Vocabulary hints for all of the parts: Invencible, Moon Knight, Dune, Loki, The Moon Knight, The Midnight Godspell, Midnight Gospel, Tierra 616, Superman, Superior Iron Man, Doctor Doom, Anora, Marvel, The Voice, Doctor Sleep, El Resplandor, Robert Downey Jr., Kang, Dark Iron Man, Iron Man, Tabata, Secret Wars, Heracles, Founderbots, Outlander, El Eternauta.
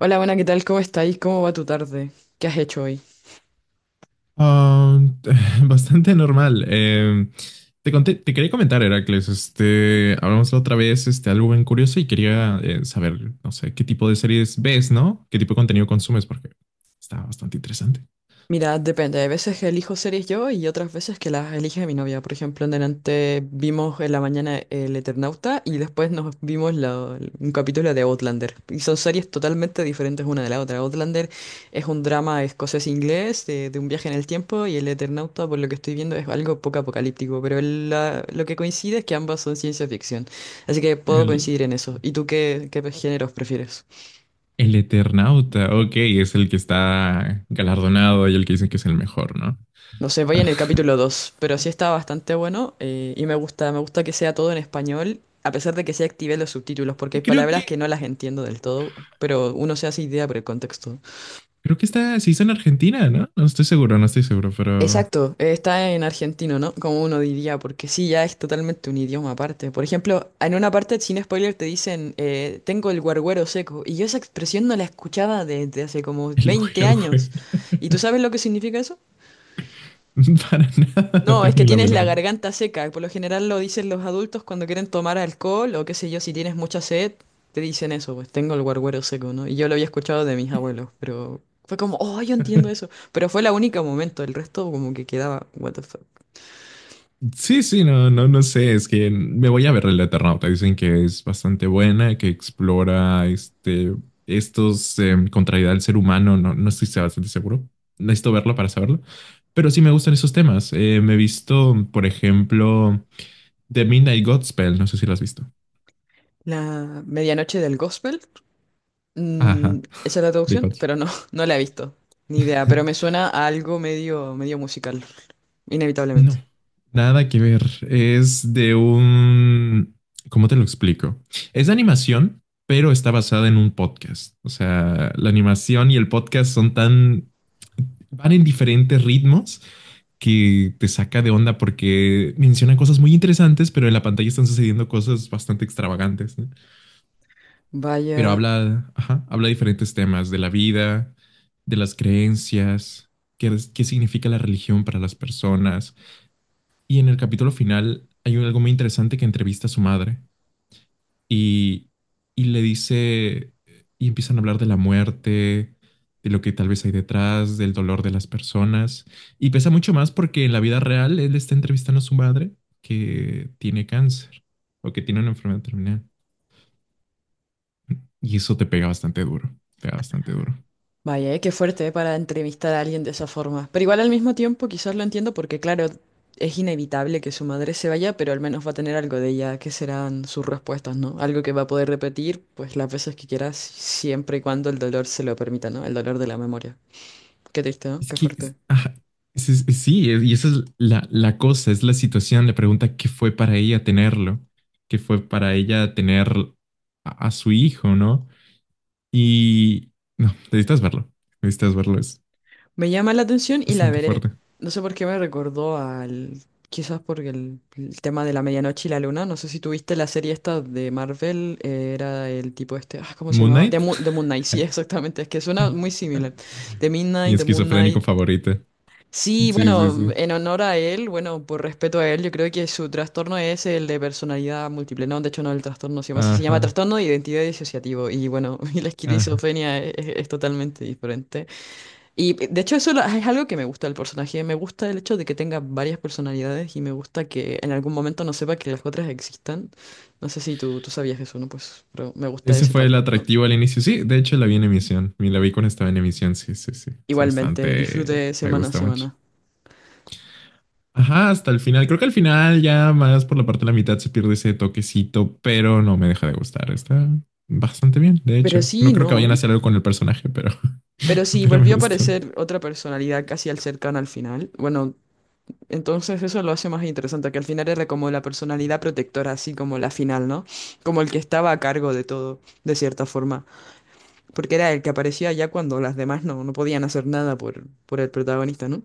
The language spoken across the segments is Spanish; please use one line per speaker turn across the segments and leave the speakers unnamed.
Hola, buena, ¿qué tal? ¿Cómo estáis? ¿Cómo va tu tarde? ¿Qué has hecho hoy?
Ah, bastante normal. Te conté- te quería comentar, Heracles, este, hablamos la otra vez, este, algo bien curioso y quería saber, no sé, qué tipo de series ves, ¿no? ¿Qué tipo de contenido consumes? Porque está bastante interesante.
Mira, depende. Hay veces que elijo series yo y otras veces que las elige mi novia. Por ejemplo, en delante vimos en la mañana El Eternauta y después nos vimos un capítulo de Outlander. Y son series totalmente diferentes una de la otra. Outlander es un drama escocés-inglés de un viaje en el tiempo y El Eternauta, por lo que estoy viendo, es algo poco apocalíptico. Pero lo que coincide es que ambas son ciencia ficción. Así que puedo
El,
coincidir en eso. ¿Y tú qué géneros prefieres?
el Eternauta, ok, es el que está galardonado y el que dicen que es el mejor, ¿no?
No sé, voy en el capítulo 2, pero sí está bastante bueno y me gusta que sea todo en español, a pesar de que sí activé los subtítulos, porque hay
Creo
palabras que
que,
no las entiendo del todo, pero uno se hace idea por el contexto.
creo que está, se hizo en Argentina, ¿no? No estoy seguro, pero
Exacto, está en argentino, ¿no? Como uno diría, porque sí, ya es totalmente un idioma aparte. Por ejemplo, en una parte, sin spoiler, te dicen, tengo el guarguero seco, y yo esa expresión no la escuchaba desde hace como
el
20
güero,
años.
güero.
¿Y tú sabes lo que significa eso?
Para nada, no
No, es
tengo
que
ni la
tienes la
menor.
garganta seca. Por lo general lo dicen los adultos cuando quieren tomar alcohol o qué sé yo, si tienes mucha sed, te dicen eso, pues tengo el guarguero seco, ¿no? Y yo lo había escuchado de mis abuelos, pero fue como, oh, yo entiendo eso. Pero fue la única momento, el resto como que quedaba, what the fuck.
Sí, sí, no, no, no sé, es que me voy a ver el Eternauta. Dicen que es bastante buena, que explora este, estos contrariedad del ser humano. No, no estoy bastante seguro. Necesito verlo para saberlo. Pero sí me gustan esos temas. Me he visto, por ejemplo, The Midnight Godspell. No sé si lo has visto.
La medianoche del gospel, mm,
Ajá,
esa es la
The
traducción,
Godspell.
pero no, no la he visto. Ni idea, pero me suena a algo medio musical, inevitablemente.
No, nada que ver. Es de un... ¿Cómo te lo explico? Es de animación, pero está basada en un podcast. O sea, la animación y el podcast son tan... van en diferentes ritmos que te saca de onda porque menciona cosas muy interesantes, pero en la pantalla están sucediendo cosas bastante extravagantes, ¿no? Pero
Vaya.
habla, ajá, habla diferentes temas de la vida, de las creencias, qué significa la religión para las personas. Y en el capítulo final hay algo muy interesante que entrevista a su madre y, y le dice, y empiezan a hablar de la muerte, de lo que tal vez hay detrás, del dolor de las personas. Y pesa mucho más porque en la vida real él está entrevistando a su madre que tiene cáncer o que tiene una enfermedad terminal. Y eso te pega bastante duro, pega bastante duro.
Vaya, qué fuerte para entrevistar a alguien de esa forma. Pero igual al mismo tiempo quizás lo entiendo porque claro, es inevitable que su madre se vaya, pero al menos va a tener algo de ella, que serán sus respuestas, ¿no? Algo que va a poder repetir pues las veces que quieras, siempre y cuando el dolor se lo permita, ¿no? El dolor de la memoria. Qué triste, ¿no?
Es
Qué
que,
fuerte.
es- ajá, es- sí, es- y esa es la cosa, es la situación, la pregunta, ¿qué fue para ella tenerlo? ¿Qué fue para ella tener a su hijo, ¿no? Y, no, necesitas verlo, es
Me llama la atención y la
bastante
veré.
fuerte.
No sé por qué me recordó al... Quizás porque el tema de la medianoche y la luna. No sé si tuviste la serie esta de Marvel. Era el tipo este... Ah, ¿cómo se
Moon
llamaba?
Knight,
The Moon Knight. Sí, exactamente. Es que suena muy similar. The
mi
Midnight, The Moon
esquizofrénico
Knight.
favorito.
Sí,
Sí, sí,
bueno,
sí.
en honor a él, bueno, por respeto a él, yo creo que su trastorno es el de personalidad múltiple. No, de hecho no, el trastorno se llama así. Se llama
Ajá,
trastorno de identidad disociativo. Y bueno, y la
ajá.
esquizofrenia es totalmente diferente. Y de hecho es algo que me gusta del personaje, me gusta el hecho de que tenga varias personalidades y me gusta que en algún momento no sepa que las otras existan. No sé si tú sabías eso, ¿no? Pues, pero me gusta
Ese
ese
fue el
factor, ¿no?
atractivo al inicio. Sí, de hecho la vi en emisión. Me la vi cuando estaba en emisión. Sí, sí, sí. Es
Igualmente,
bastante.
disfrute
Me
semana a
gusta mucho.
semana.
Ajá, hasta el final. Creo que al final ya más por la parte de la mitad se pierde ese toquecito, pero no me deja de gustar. Está bastante bien, de
Pero
hecho.
sí,
No creo que
no,
vayan a
¿eh?
hacer algo con el personaje, pero,
Pero sí,
pero me
volvió a
gustó.
aparecer otra personalidad casi al cercano al final. Bueno, entonces eso lo hace más interesante, que al final era como la personalidad protectora, así como la final, ¿no? Como el que estaba a cargo de todo, de cierta forma. Porque era el que aparecía ya cuando las demás no podían hacer nada por el protagonista, ¿no?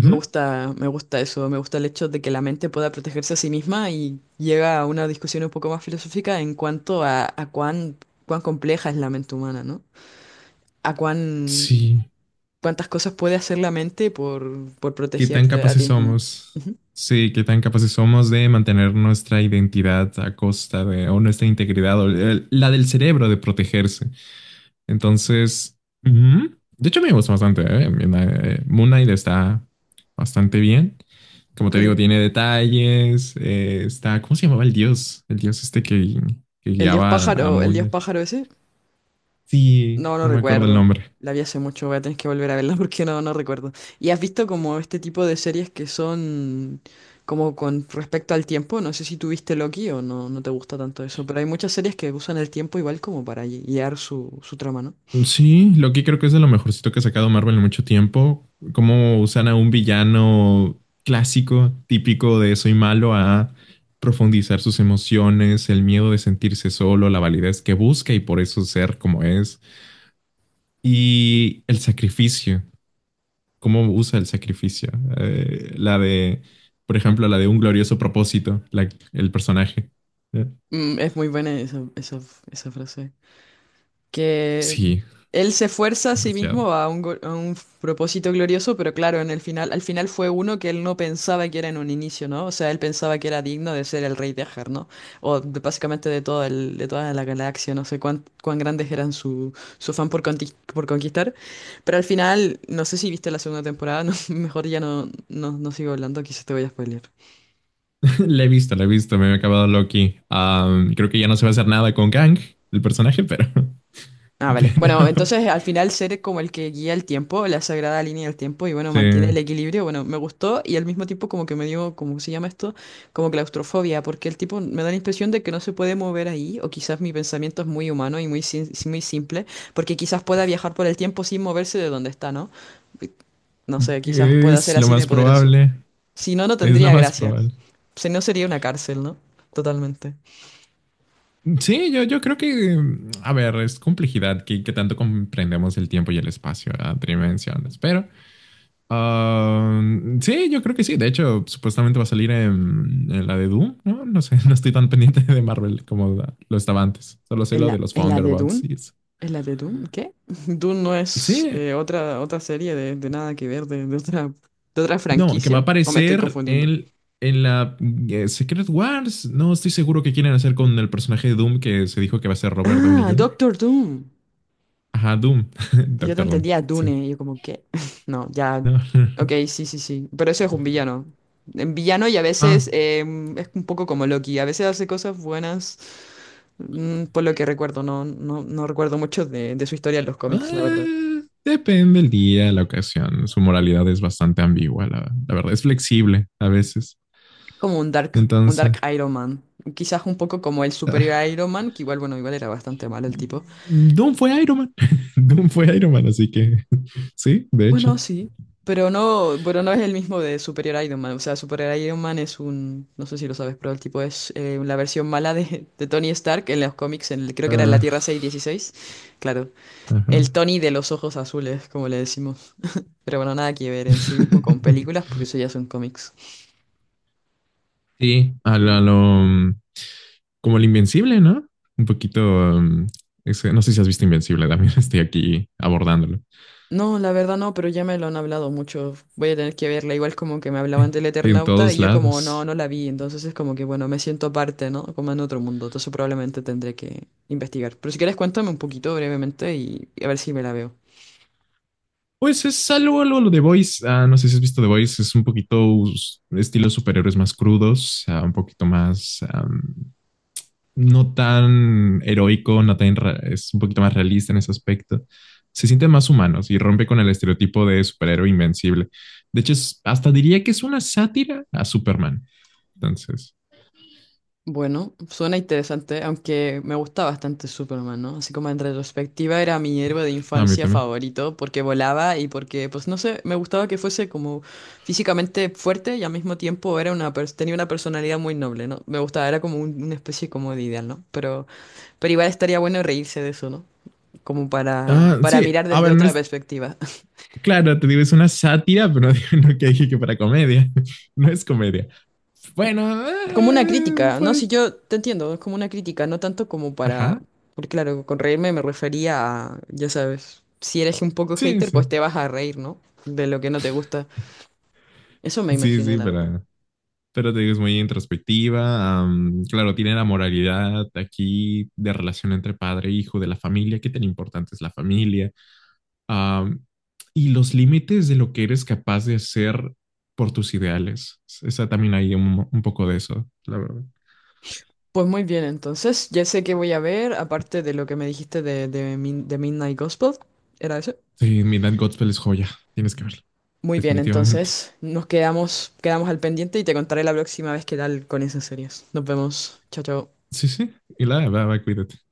Me gusta eso, me gusta el hecho de que la mente pueda protegerse a sí misma y llega a una discusión un poco más filosófica en cuanto a cuán compleja es la mente humana, ¿no? A cuán,
Sí,
cuántas cosas puede hacer la mente por
qué tan
protegerte a
capaces
ti mismo.
somos.
Ujú,
Sí, qué tan capaces somos de mantener nuestra identidad a costa de, o nuestra integridad, o la del cerebro de protegerse. Entonces, ujú. De hecho me gusta bastante. Moon Knight está bastante bien. Como te digo,
claro.
tiene detalles. Está, ¿cómo se llamaba el dios? El dios este que guiaba a
El dios
Mona.
pájaro ese,
Sí,
no, no
no me acuerdo el
recuerdo.
nombre.
La vi hace mucho, voy a tener que volver a verla porque no, no recuerdo. ¿Y has visto como este tipo de series que son como con respecto al tiempo? No sé si tuviste Loki o no, no te gusta tanto eso, pero hay muchas series que usan el tiempo igual como para guiar su trama, ¿no?
Sí, Loki creo que es de lo mejorcito que ha sacado Marvel en mucho tiempo. Cómo usan a un villano clásico, típico de soy malo, a profundizar sus emociones, el miedo de sentirse solo, la validez que busca y por eso ser como es. Y el sacrificio cómo usa el sacrificio. Eh, la de, por ejemplo, la de un glorioso propósito, el personaje. Eh,
Mm, es muy buena esa frase. Que
Sí,
él se esfuerza a sí
demasiado.
mismo a a un propósito glorioso, pero claro, en el final, al final fue uno que él no pensaba que era en un inicio, ¿no? O sea, él pensaba que era digno de ser el rey de Ajar, ¿no? O básicamente de todo el, de toda la galaxia, no sé cuán grandes eran su afán por conquistar. Pero al final, no sé si viste la segunda temporada, no, mejor ya no, no sigo hablando, quizás te voy a spoilear.
La he visto, me he acabado Loki. Creo que ya no se va a hacer nada con Kang, el personaje, pero,
Ah, vale. Bueno,
pero
entonces al final ser como el que guía el tiempo, la sagrada línea del tiempo y bueno,
sí,
mantiene el equilibrio, bueno, me gustó y al mismo tiempo como que me dio, ¿cómo se llama esto? Como claustrofobia, porque el tipo me da la impresión de que no se puede mover ahí o quizás mi pensamiento es muy humano y muy, muy simple, porque quizás pueda viajar por el tiempo sin moverse de donde está, ¿no? No sé, quizás pueda ser
es lo
así de
más
poderoso.
probable,
Si no, no
es lo
tendría
más
gracia.
probable.
Si no, sería una cárcel, ¿no? Totalmente.
Sí, yo creo que, a ver, es complejidad que tanto comprendemos el tiempo y el espacio a tridimensiones, pero. Ah, sí, yo creo que sí. De hecho, supuestamente va a salir en la de Doom, ¿no? No sé, no estoy tan pendiente de Marvel como lo estaba antes. Solo sé
¿En
lo de los
en la de
Founderbots
Dune?
y eso.
¿En la de Dune? ¿Qué? Dune no es
Sí,
otra serie de nada que ver, de otra
no, que va a
franquicia. ¿O me estoy
aparecer
confundiendo?
en la Secret Wars. No estoy seguro qué quieren hacer con el personaje de Doom que se dijo que va a ser Robert Downey
Ah,
Jr.
Doctor Doom.
Ajá, Doom.
Yo te
Doctor Doom.
entendía
Sí.
Dune, y yo como que... No, ya...
No.
Ok, sí, sí, sí. Pero eso es un villano. En villano y a veces
Ajá.
es un poco como Loki. A veces hace cosas buenas, por lo que recuerdo. No, no recuerdo mucho de su historia en los cómics, la verdad.
Ah, depende el día, la ocasión. Su moralidad es bastante ambigua, la verdad. Es flexible a veces.
Como un
Entonces,
Dark Iron Man. Quizás un poco como el superior
ah,
Iron Man, que igual, bueno, igual era bastante malo el tipo.
Doom fue Iron Man. Doom fue Iron Man, así que sí, de hecho.
Bueno, sí. Pero no es el mismo de Superior Iron Man. O sea, Superior Iron Man es un, no sé si lo sabes, pero el tipo es la versión mala de Tony Stark en los cómics, creo que era en la
Ah,
Tierra 616. Claro,
ajá.
el Tony de los ojos azules, como le decimos. Pero bueno, nada que ver en sí mismo con películas, porque eso ya son cómics.
Sí, como el Invencible, ¿no? Un poquito. No sé si has visto Invencible, también estoy aquí abordándolo.
No, la verdad no, pero ya me lo han hablado mucho. Voy a tener que verla, igual como que me hablaban del
En
Eternauta y
todos
yo como no,
lados.
no la vi, entonces es como que bueno, me siento aparte, ¿no? Como en otro mundo, entonces probablemente tendré que investigar. Pero si quieres cuéntame un poquito brevemente y a ver si me la veo.
Pues es algo, algo lo de Voice. Ah, no sé si has visto The Voice, es un poquito estilo superhéroes más crudos, ah, un poquito más, no tan heroico, no tan, ra- es un poquito más realista en ese aspecto. Se sienten más humanos y rompe con el estereotipo de superhéroe invencible. De hecho, hasta diría que es una sátira a Superman. Entonces,
Bueno, suena interesante, aunque me gusta bastante Superman, ¿no? Así como en retrospectiva era mi héroe de
a mí
infancia
también.
favorito porque volaba y porque, pues no sé, me gustaba que fuese como físicamente fuerte y al mismo tiempo era una tenía una personalidad muy noble, ¿no? Me gustaba, era como una especie como de ideal, ¿no? Pero igual estaría bueno reírse de eso, ¿no? Como
Ah,
para
sí,
mirar
a
desde
ver, no
otra
es.
perspectiva.
Claro, te digo, es una sátira, pero no, no que dije que para comedia. No es comedia. Bueno,
Como una crítica, ¿no? Si
pues,
yo te entiendo, es como una crítica, no tanto como para,
ajá,
porque claro, con reírme me refería a, ya sabes, si eres un poco
sí,
hater,
sí,
pues te vas a reír, ¿no? De lo que no te gusta. Eso me
sí,
imaginé,
sí,
la verdad.
pero te digo, es muy introspectiva. Claro, tiene la moralidad aquí de relación entre padre e hijo, de la familia, qué tan importante es la familia, am, y los límites de lo que eres capaz de hacer por tus ideales. Esa también hay un poco de eso, la verdad.
Pues muy bien, entonces, ya sé qué voy a ver, aparte de lo que me dijiste de Midnight Gospel, ¿era eso?
Sí, Midnight Gospel es joya, tienes que verla,
Muy bien,
definitivamente.
entonces nos quedamos, quedamos al pendiente y te contaré la próxima vez qué tal con esas series. Nos vemos. Chao, chao.
Sí, sí. Y la, va, va, cuídate.